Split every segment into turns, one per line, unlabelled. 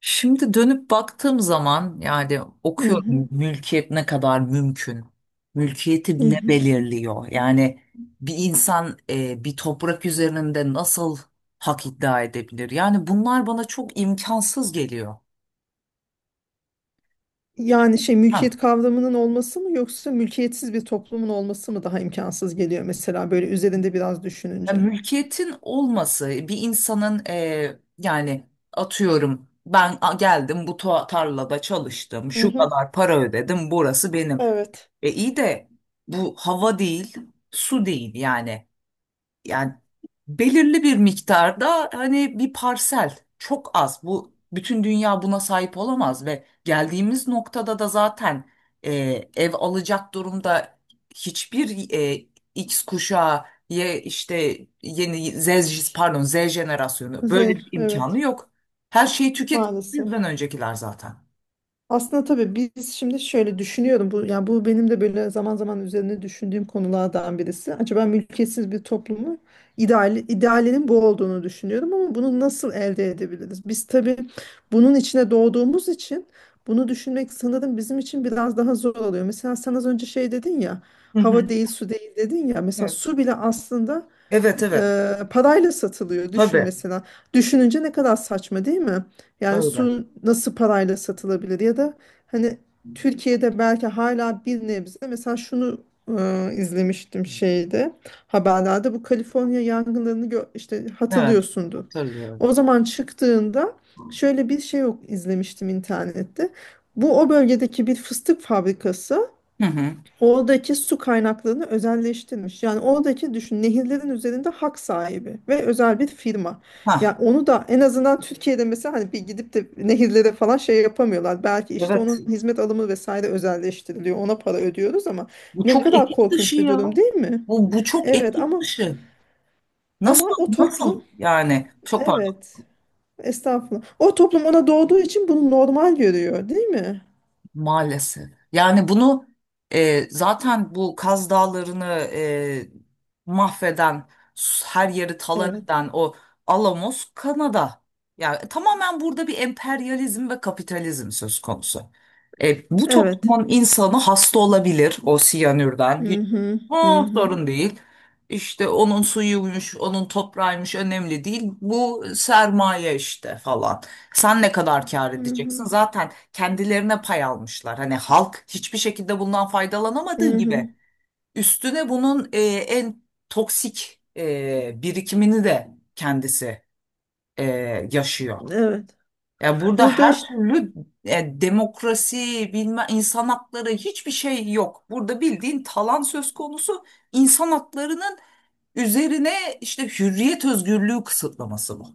Şimdi dönüp baktığım zaman yani
Hı
okuyorum
hı,
mülkiyet ne kadar mümkün.
hı
Mülkiyeti ne
hı.
belirliyor? Yani bir insan bir toprak üzerinde nasıl hak iddia edebilir? Yani bunlar bana çok imkansız geliyor.
Yani
Ha.
mülkiyet kavramının olması mı yoksa mülkiyetsiz bir toplumun olması mı daha imkansız geliyor mesela böyle üzerinde biraz
Ya
düşününce.
mülkiyetin olması bir insanın yani atıyorum ben geldim bu tarlada çalıştım
Hı
şu
hı,
kadar para ödedim burası benim.
evet.
E iyi de bu hava değil, su değil yani. Yani belirli bir miktarda hani bir parsel çok az. Bu bütün dünya buna sahip olamaz ve geldiğimiz noktada da zaten e, ev alacak durumda hiçbir X kuşağı işte yeni pardon Z jenerasyonu
z
böyle bir imkanı
evet,
yok. Her şeyi tüket
maalesef.
bizden öncekiler zaten.
Aslında tabii biz şimdi şöyle düşünüyorum. Bu, yani bu benim de böyle zaman zaman üzerine düşündüğüm konulardan birisi. Acaba mülkiyetsiz bir toplumu ideali, idealinin bu olduğunu düşünüyorum ama bunu nasıl elde edebiliriz? Biz tabii bunun içine doğduğumuz için bunu düşünmek sanırım bizim için biraz daha zor oluyor. Mesela sen az önce şey dedin ya,
Hı hı.
hava değil su değil dedin ya. Mesela
Evet,
su bile aslında
evet. Evet.
parayla satılıyor. Düşün
Tabii,
mesela. Düşününce ne kadar saçma değil mi? Yani
öyle.
su nasıl parayla satılabilir ya da hani Türkiye'de belki hala bir nebze mesela şunu izlemiştim şeyde haberlerde bu Kaliforniya yangınlarını işte
Evet,
hatırlıyorsundur.
hatırlıyorum.
O zaman çıktığında şöyle bir şey yok, izlemiştim internette. Bu o bölgedeki bir fıstık fabrikası
Hı hı.
oradaki su kaynaklarını özelleştirmiş. Yani oradaki düşün, nehirlerin üzerinde hak sahibi ve özel bir firma.
Ha,
Yani onu da en azından Türkiye'de mesela hani bir gidip de nehirlere falan şey yapamıyorlar. Belki işte
evet.
onun hizmet alımı vesaire özelleştiriliyor. Ona para ödüyoruz ama
Bu
ne
çok
kadar
etik dışı
korkunç bir
ya.
durum değil mi?
Bu çok
Evet
etik
ama
dışı. Nasıl,
o toplum,
nasıl yani? Çok.
evet estağfurullah. O toplum ona doğduğu için bunu normal görüyor değil mi?
Maalesef. Yani bunu zaten bu Kaz Dağları'nı mahveden, her yeri talan
Evet.
eden o Alamos Kanada. Yani tamamen burada bir emperyalizm ve kapitalizm söz konusu. Bu
Evet.
toplumun insanı hasta olabilir o siyanürden.
Hı
Hiç.
hı hı
Oh,
hı.
sorun değil. İşte onun suyuymuş, onun toprağıymış önemli değil. Bu sermaye işte falan. Sen ne kadar kâr
Hı hı.
edeceksin? Zaten kendilerine pay almışlar. Hani halk hiçbir şekilde bundan faydalanamadığı
Hı hı.
gibi üstüne bunun en toksik birikimini de kendisi e, yaşıyor.
Evet.
Ya burada
Burada
her
işte,
türlü demokrasi, bilme insan hakları hiçbir şey yok. Burada bildiğin talan söz konusu, insan haklarının üzerine işte hürriyet özgürlüğü kısıtlaması bu.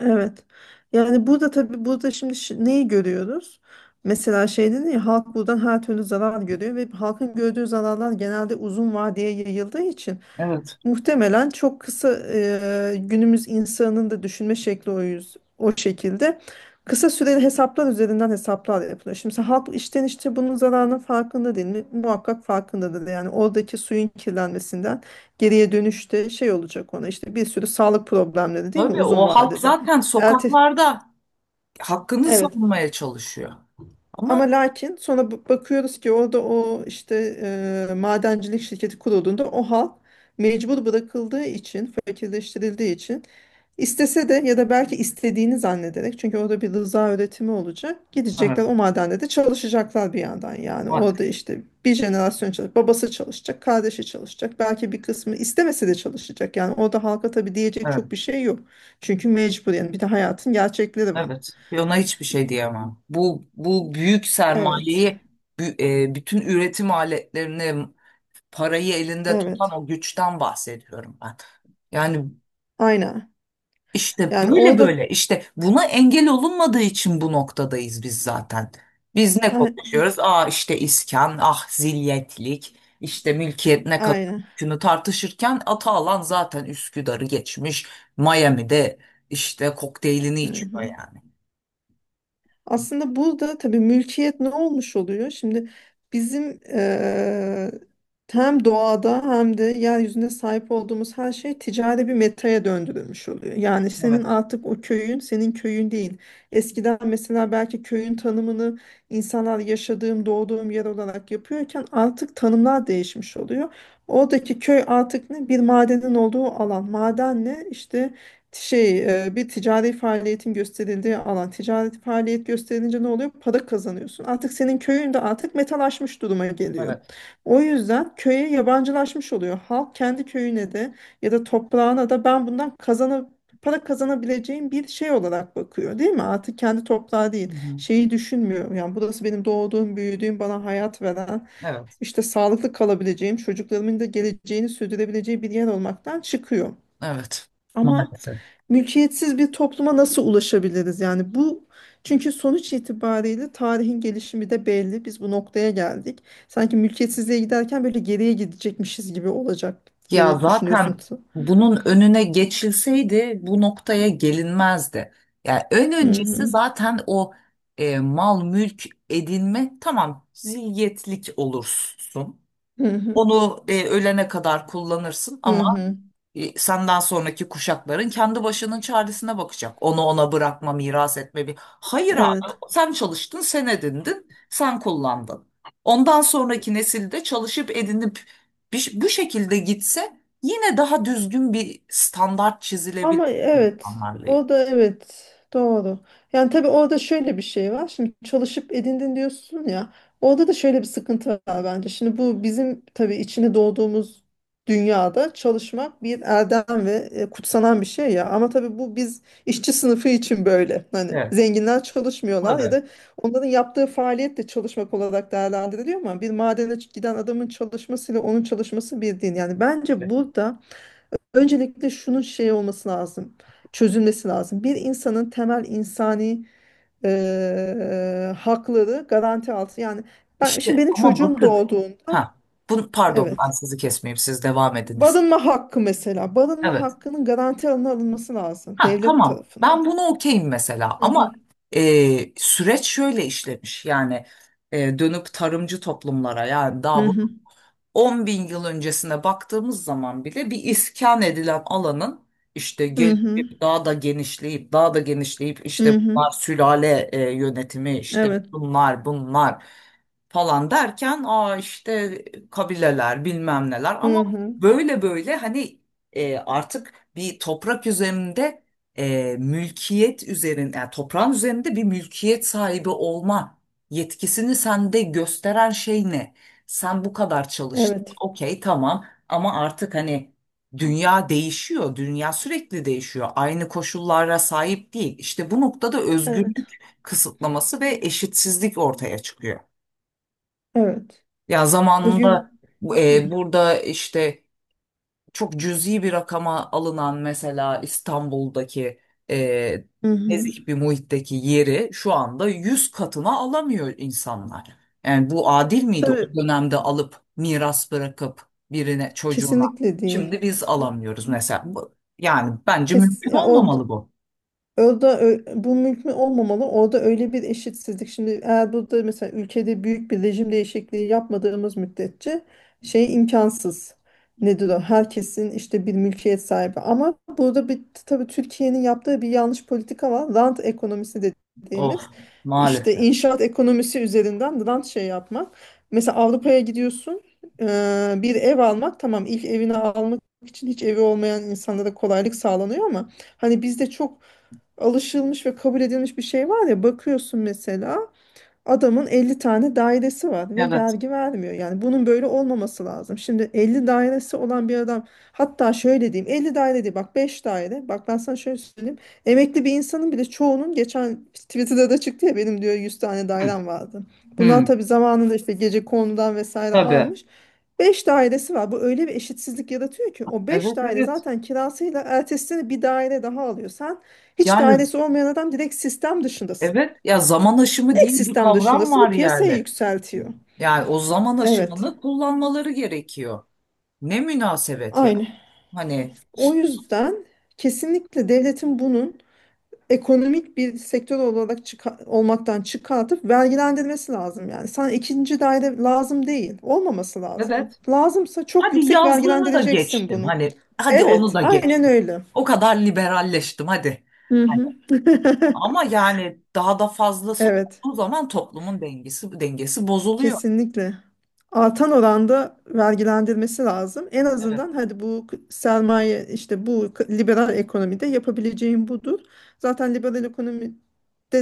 evet. Yani burada tabii burada şimdi neyi görüyoruz? Mesela şey dedin ya, halk buradan her türlü zarar görüyor ve halkın gördüğü zararlar genelde uzun vadeye yayıldığı için
Evet.
muhtemelen çok kısa günümüz insanının da düşünme şekli o, yüz, o şekilde. Kısa süreli hesaplar üzerinden hesaplar yapılıyor. Şimdi sen halk işten işte bunun zararının farkında değil mi? Muhakkak farkındadır. Yani oradaki suyun kirlenmesinden geriye dönüşte şey olacak ona, işte bir sürü sağlık problemleri değil mi
Tabii
uzun
o halk
vadede?
zaten
Erte,
sokaklarda hakkını
evet.
savunmaya çalışıyor.
Ama
Ama.
lakin sonra bakıyoruz ki orada o işte madencilik şirketi kurulduğunda o halk mecbur bırakıldığı için, fakirleştirildiği için istese de ya da belki istediğini zannederek çünkü orada bir rıza üretimi olacak.
Evet,
Gidecekler o madende de çalışacaklar bir yandan yani. Orada
maalesef.
işte bir jenerasyon çalışacak, babası çalışacak, kardeşi çalışacak. Belki bir kısmı istemese de çalışacak. Yani orada halka tabii diyecek
Evet,
çok bir şey yok. Çünkü mecbur, yani bir de hayatın gerçekleri var.
evet. Ve ona hiçbir şey diyemem. Bu büyük
Evet,
sermayeyi, bütün üretim aletlerini, parayı elinde tutan
evet.
o güçten bahsediyorum ben. Yani,
Aynen.
İşte
Yani
böyle
orada
böyle işte buna engel olunmadığı için bu noktadayız biz zaten. Biz ne
a-
konuşuyoruz? Aa işte iskan, ah zilyetlik, işte mülkiyet ne kadar
aynen.
hükmünü tartışırken Atalan zaten Üsküdar'ı geçmiş. Miami'de işte kokteylini
Hı
içiyor
hı.
yani.
Aslında burada tabii mülkiyet ne olmuş oluyor? Şimdi bizim hem doğada hem de yeryüzünde sahip olduğumuz her şey ticari bir metaya döndürülmüş oluyor. Yani senin
Evet,
artık o köyün senin köyün değil. Eskiden mesela belki köyün tanımını insanlar yaşadığım, doğduğum yer olarak yapıyorken artık tanımlar değişmiş oluyor. Oradaki köy artık ne? Bir madenin olduğu alan. Maden ne? İşte şey bir ticari faaliyetin gösterildiği alan, ticari faaliyet gösterince ne oluyor? Para kazanıyorsun. Artık senin köyün de artık metalaşmış duruma geliyor.
evet.
O yüzden köye yabancılaşmış oluyor. Halk kendi köyüne de ya da toprağına da ben bundan kazanıp para kazanabileceğim bir şey olarak bakıyor değil mi? Artık kendi toprağı
Hı
değil.
hı.
Şeyi düşünmüyor. Yani burası benim doğduğum, büyüdüğüm, bana hayat veren,
Evet.
işte sağlıklı kalabileceğim, çocuklarımın da geleceğini sürdürebileceği bir yer olmaktan çıkıyor.
Evet.
Ama
Maalesef.
mülkiyetsiz bir topluma nasıl ulaşabiliriz? Yani bu, çünkü sonuç itibariyle tarihin gelişimi de belli. Biz bu noktaya geldik. Sanki mülkiyetsizliğe giderken böyle geriye gidecekmişiz gibi olacak
Ya
diye düşünüyorsun.
zaten bunun önüne geçilseydi bu noktaya gelinmezdi. Yani en
Hı
öncesi
hı.
zaten o mal mülk edinme tamam, zilyetlik olursun.
Hı hı.
Onu ölene kadar kullanırsın,
Hı
ama
hı.
senden sonraki kuşakların kendi başının çaresine bakacak. Onu ona bırakma, miras etme bir. Hayır abi,
Evet.
sen çalıştın, sen edindin, sen kullandın. Ondan sonraki nesilde çalışıp edinip bu şekilde gitse yine daha düzgün bir standart çizilebilir
Ama evet,
insanlarlayım.
o da evet, doğru. Yani tabii orada şöyle bir şey var. Şimdi çalışıp edindin diyorsun ya. Orada da şöyle bir sıkıntı var bence. Şimdi bu bizim tabii içine doğduğumuz dünyada çalışmak bir erdem ve kutsanan bir şey ya. Ama tabii bu biz işçi sınıfı için böyle. Hani
Evet,
zenginler çalışmıyorlar ya
tabii.
da onların yaptığı faaliyet de çalışmak olarak değerlendiriliyor ama bir madene giden adamın çalışmasıyla onun çalışması bir değil. Yani bence burada öncelikle şunun şey olması lazım, çözülmesi lazım. Bir insanın temel insani hakları garanti altı. Yani ben şimdi
İşte
benim
ama
çocuğum
bakın,
doğduğunda
ha, pardon
evet.
ben sizi kesmeyeyim, siz devam ediniz.
Barınma hakkı mesela. Barınma
Evet.
hakkının garanti altına alınması lazım
Ha,
devlet
tamam.
tarafında.
Ben bunu okeyim mesela
Hı hı.
ama süreç şöyle işlemiş. Yani dönüp tarımcı toplumlara, yani daha
Hı
bu
hı.
10 bin yıl öncesine baktığımız zaman bile bir iskan edilen alanın işte
Hı hı.
gelişip daha da genişleyip daha da genişleyip
Hı
işte
hı.
bunlar sülale yönetimi işte
Evet.
bunlar falan derken aa işte kabileler bilmem neler, ama
Hı hı.
böyle böyle hani artık bir toprak üzerinde mülkiyet üzerinde, yani toprağın üzerinde bir mülkiyet sahibi olma yetkisini sende gösteren şey ne? Sen bu kadar çalıştın.
Evet.
Okey tamam, ama artık hani dünya değişiyor. Dünya sürekli değişiyor. Aynı koşullara sahip değil. İşte bu noktada
Evet.
özgürlük kısıtlaması ve eşitsizlik ortaya çıkıyor.
Evet.
Ya
Özgür.
zamanında burada işte çok cüzi bir rakama alınan mesela İstanbul'daki e,
Hı hı.
nezih bir muhitteki yeri şu anda 100 katına alamıyor insanlar. Yani bu adil miydi o
Tabii
dönemde alıp miras bırakıp birine, çocuğuna?
kesinlikle değil.
Şimdi biz alamıyoruz mesela. Yani bence
Kes,
mümkün
ya o
olmamalı bu.
Orada bu mümkün olmamalı. Orada öyle bir eşitsizlik. Şimdi eğer burada mesela ülkede büyük bir rejim değişikliği yapmadığımız müddetçe şey imkansız. Nedir o? Herkesin işte bir mülkiyet sahibi. Ama burada bir tabii Türkiye'nin yaptığı bir yanlış politika var. Rant ekonomisi
Oh,
dediğimiz işte
maalesef.
inşaat ekonomisi üzerinden rant şey yapmak. Mesela Avrupa'ya gidiyorsun, eee, bir ev almak tamam, ilk evini almak için hiç evi olmayan insanlara kolaylık sağlanıyor ama hani bizde çok alışılmış ve kabul edilmiş bir şey var ya, bakıyorsun mesela adamın 50 tane dairesi var ve
Evet.
vergi vermiyor. Yani bunun böyle olmaması lazım. Şimdi 50 dairesi olan bir adam, hatta şöyle diyeyim 50 daire değil bak, 5 daire. Bak ben sana şöyle söyleyeyim. Emekli bir insanın bile çoğunun, geçen Twitter'da da çıktı ya, benim diyor 100 tane
Hı,
dairem vardı. Bunlar
hı.
tabii zamanında işte gece konudan vesaire
Tabii.
almış. Beş dairesi var. Bu öyle bir eşitsizlik yaratıyor ki o beş
Evet,
daire
evet.
zaten kirasıyla ertesi sene bir daire daha alıyor. Sen, hiç
Yani
dairesi olmayan adam, direkt sistem dışındasın.
evet, ya zaman aşımı diye
Tek
bir
sistem
kavram
dışındasın
var
ve piyasaya
yani.
yükseltiyor.
Yani o zaman
Evet,
aşımını kullanmaları gerekiyor. Ne münasebet ya.
aynı.
Hani
O yüzden kesinlikle devletin bunun ekonomik bir sektör olarak olmaktan çıkartıp vergilendirmesi lazım yani. Sana ikinci daire lazım değil. Olmaması lazım.
evet.
Lazımsa çok
Hadi
yüksek
yazlığını da
vergilendireceksin
geçtim.
bunu.
Hani hadi onu
Evet,
da
aynen
geçtim.
öyle.
O kadar liberalleştim hadi.
Hı hı.
Ama yani daha da fazlası
Evet.
olduğu zaman toplumun dengesi bozuluyor.
Kesinlikle. Artan oranda vergilendirmesi lazım. En
Evet,
azından hadi bu sermaye işte bu liberal ekonomide yapabileceğin budur. Zaten liberal ekonomide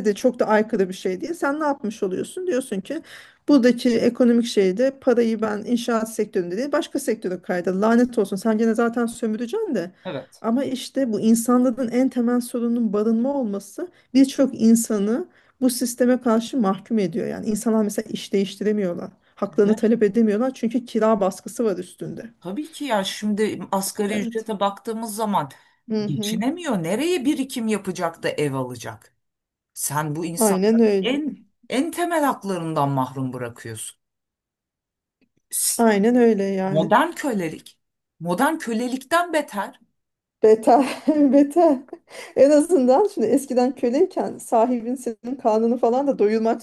de çok da aykırı bir şey değil. Sen ne yapmış oluyorsun? Diyorsun ki buradaki ekonomik şeyde parayı ben inşaat sektöründe değil başka sektöre kaydır. Lanet olsun, sen gene zaten sömüreceksin de.
evet.
Ama işte bu insanlığın en temel sorunun barınma olması birçok insanı bu sisteme karşı mahkum ediyor. Yani insanlar mesela iş değiştiremiyorlar.
Evet.
Haklarını talep edemiyorlar çünkü kira baskısı var üstünde.
Tabii ki ya, şimdi asgari
Evet.
ücrete baktığımız zaman
Hı hı.
geçinemiyor. Nereye birikim yapacak da ev alacak? Sen bu
Aynen
insanları
öyle.
en temel haklarından mahrum bırakıyorsun. S-
Aynen öyle yani.
Modern kölelik, modern kölelikten beter.
Beter, beter. En azından şimdi eskiden köleyken sahibin senin karnını falan da doyurmak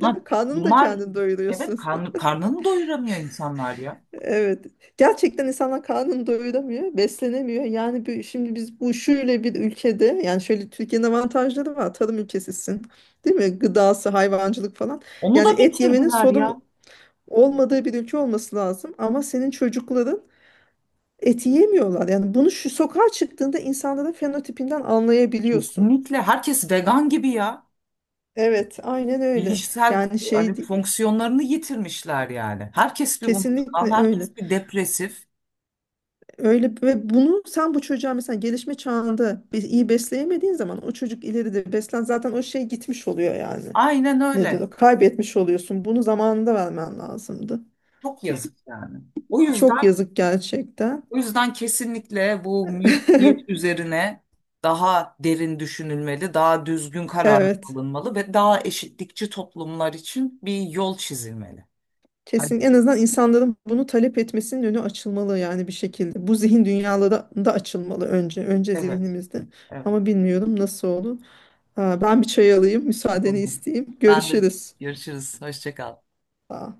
Ha,
Karnını da
bunlar,
kendin
evet,
doyuruyorsun.
karnını doyuramıyor insanlar ya.
Evet. Gerçekten insanlar karnını doyuramıyor, beslenemiyor. Yani bir, şimdi biz bu şöyle bir ülkede, yani şöyle Türkiye'nin avantajları var. Tarım ülkesisin. Değil mi? Gıdası, hayvancılık falan.
Onu
Yani
da
et yemenin
bitirdiler
sorun
ya.
olmadığı bir ülke olması lazım. Ama senin çocukların eti yemiyorlar. Yani bunu şu sokağa çıktığında insanların fenotipinden anlayabiliyorsun.
Kesinlikle. Herkes vegan gibi ya.
Evet, aynen öyle.
Bilişsel
Yani
hani
şey
fonksiyonlarını yitirmişler yani. Herkes bir unutkan,
kesinlikle
herkes
öyle.
bir depresif.
Öyle, ve bunu sen bu çocuğa mesela gelişme çağında bir iyi besleyemediğin zaman o çocuk ileride beslen zaten o şey gitmiş oluyor yani.
Aynen
Nedir
öyle.
o? Kaybetmiş oluyorsun. Bunu zamanında vermen lazımdı.
Çok yazık yani. O
Çok
yüzden
yazık gerçekten.
O yüzden kesinlikle bu mülkiyet üzerine daha derin düşünülmeli, daha düzgün kararlar
Evet.
alınmalı ve daha eşitlikçi toplumlar için bir yol çizilmeli.
Kesin
Hadi,
en azından insanların bunu talep etmesinin önü açılmalı yani bir şekilde. Bu zihin dünyaları da açılmalı önce. Önce
evet,
zihnimizde.
evet.
Ama bilmiyorum nasıl olur. Aa, ben bir çay alayım, müsaadeni
Tamam.
isteyeyim.
Ben de
Görüşürüz.
görüşürüz. Hoşça kal.
Aa.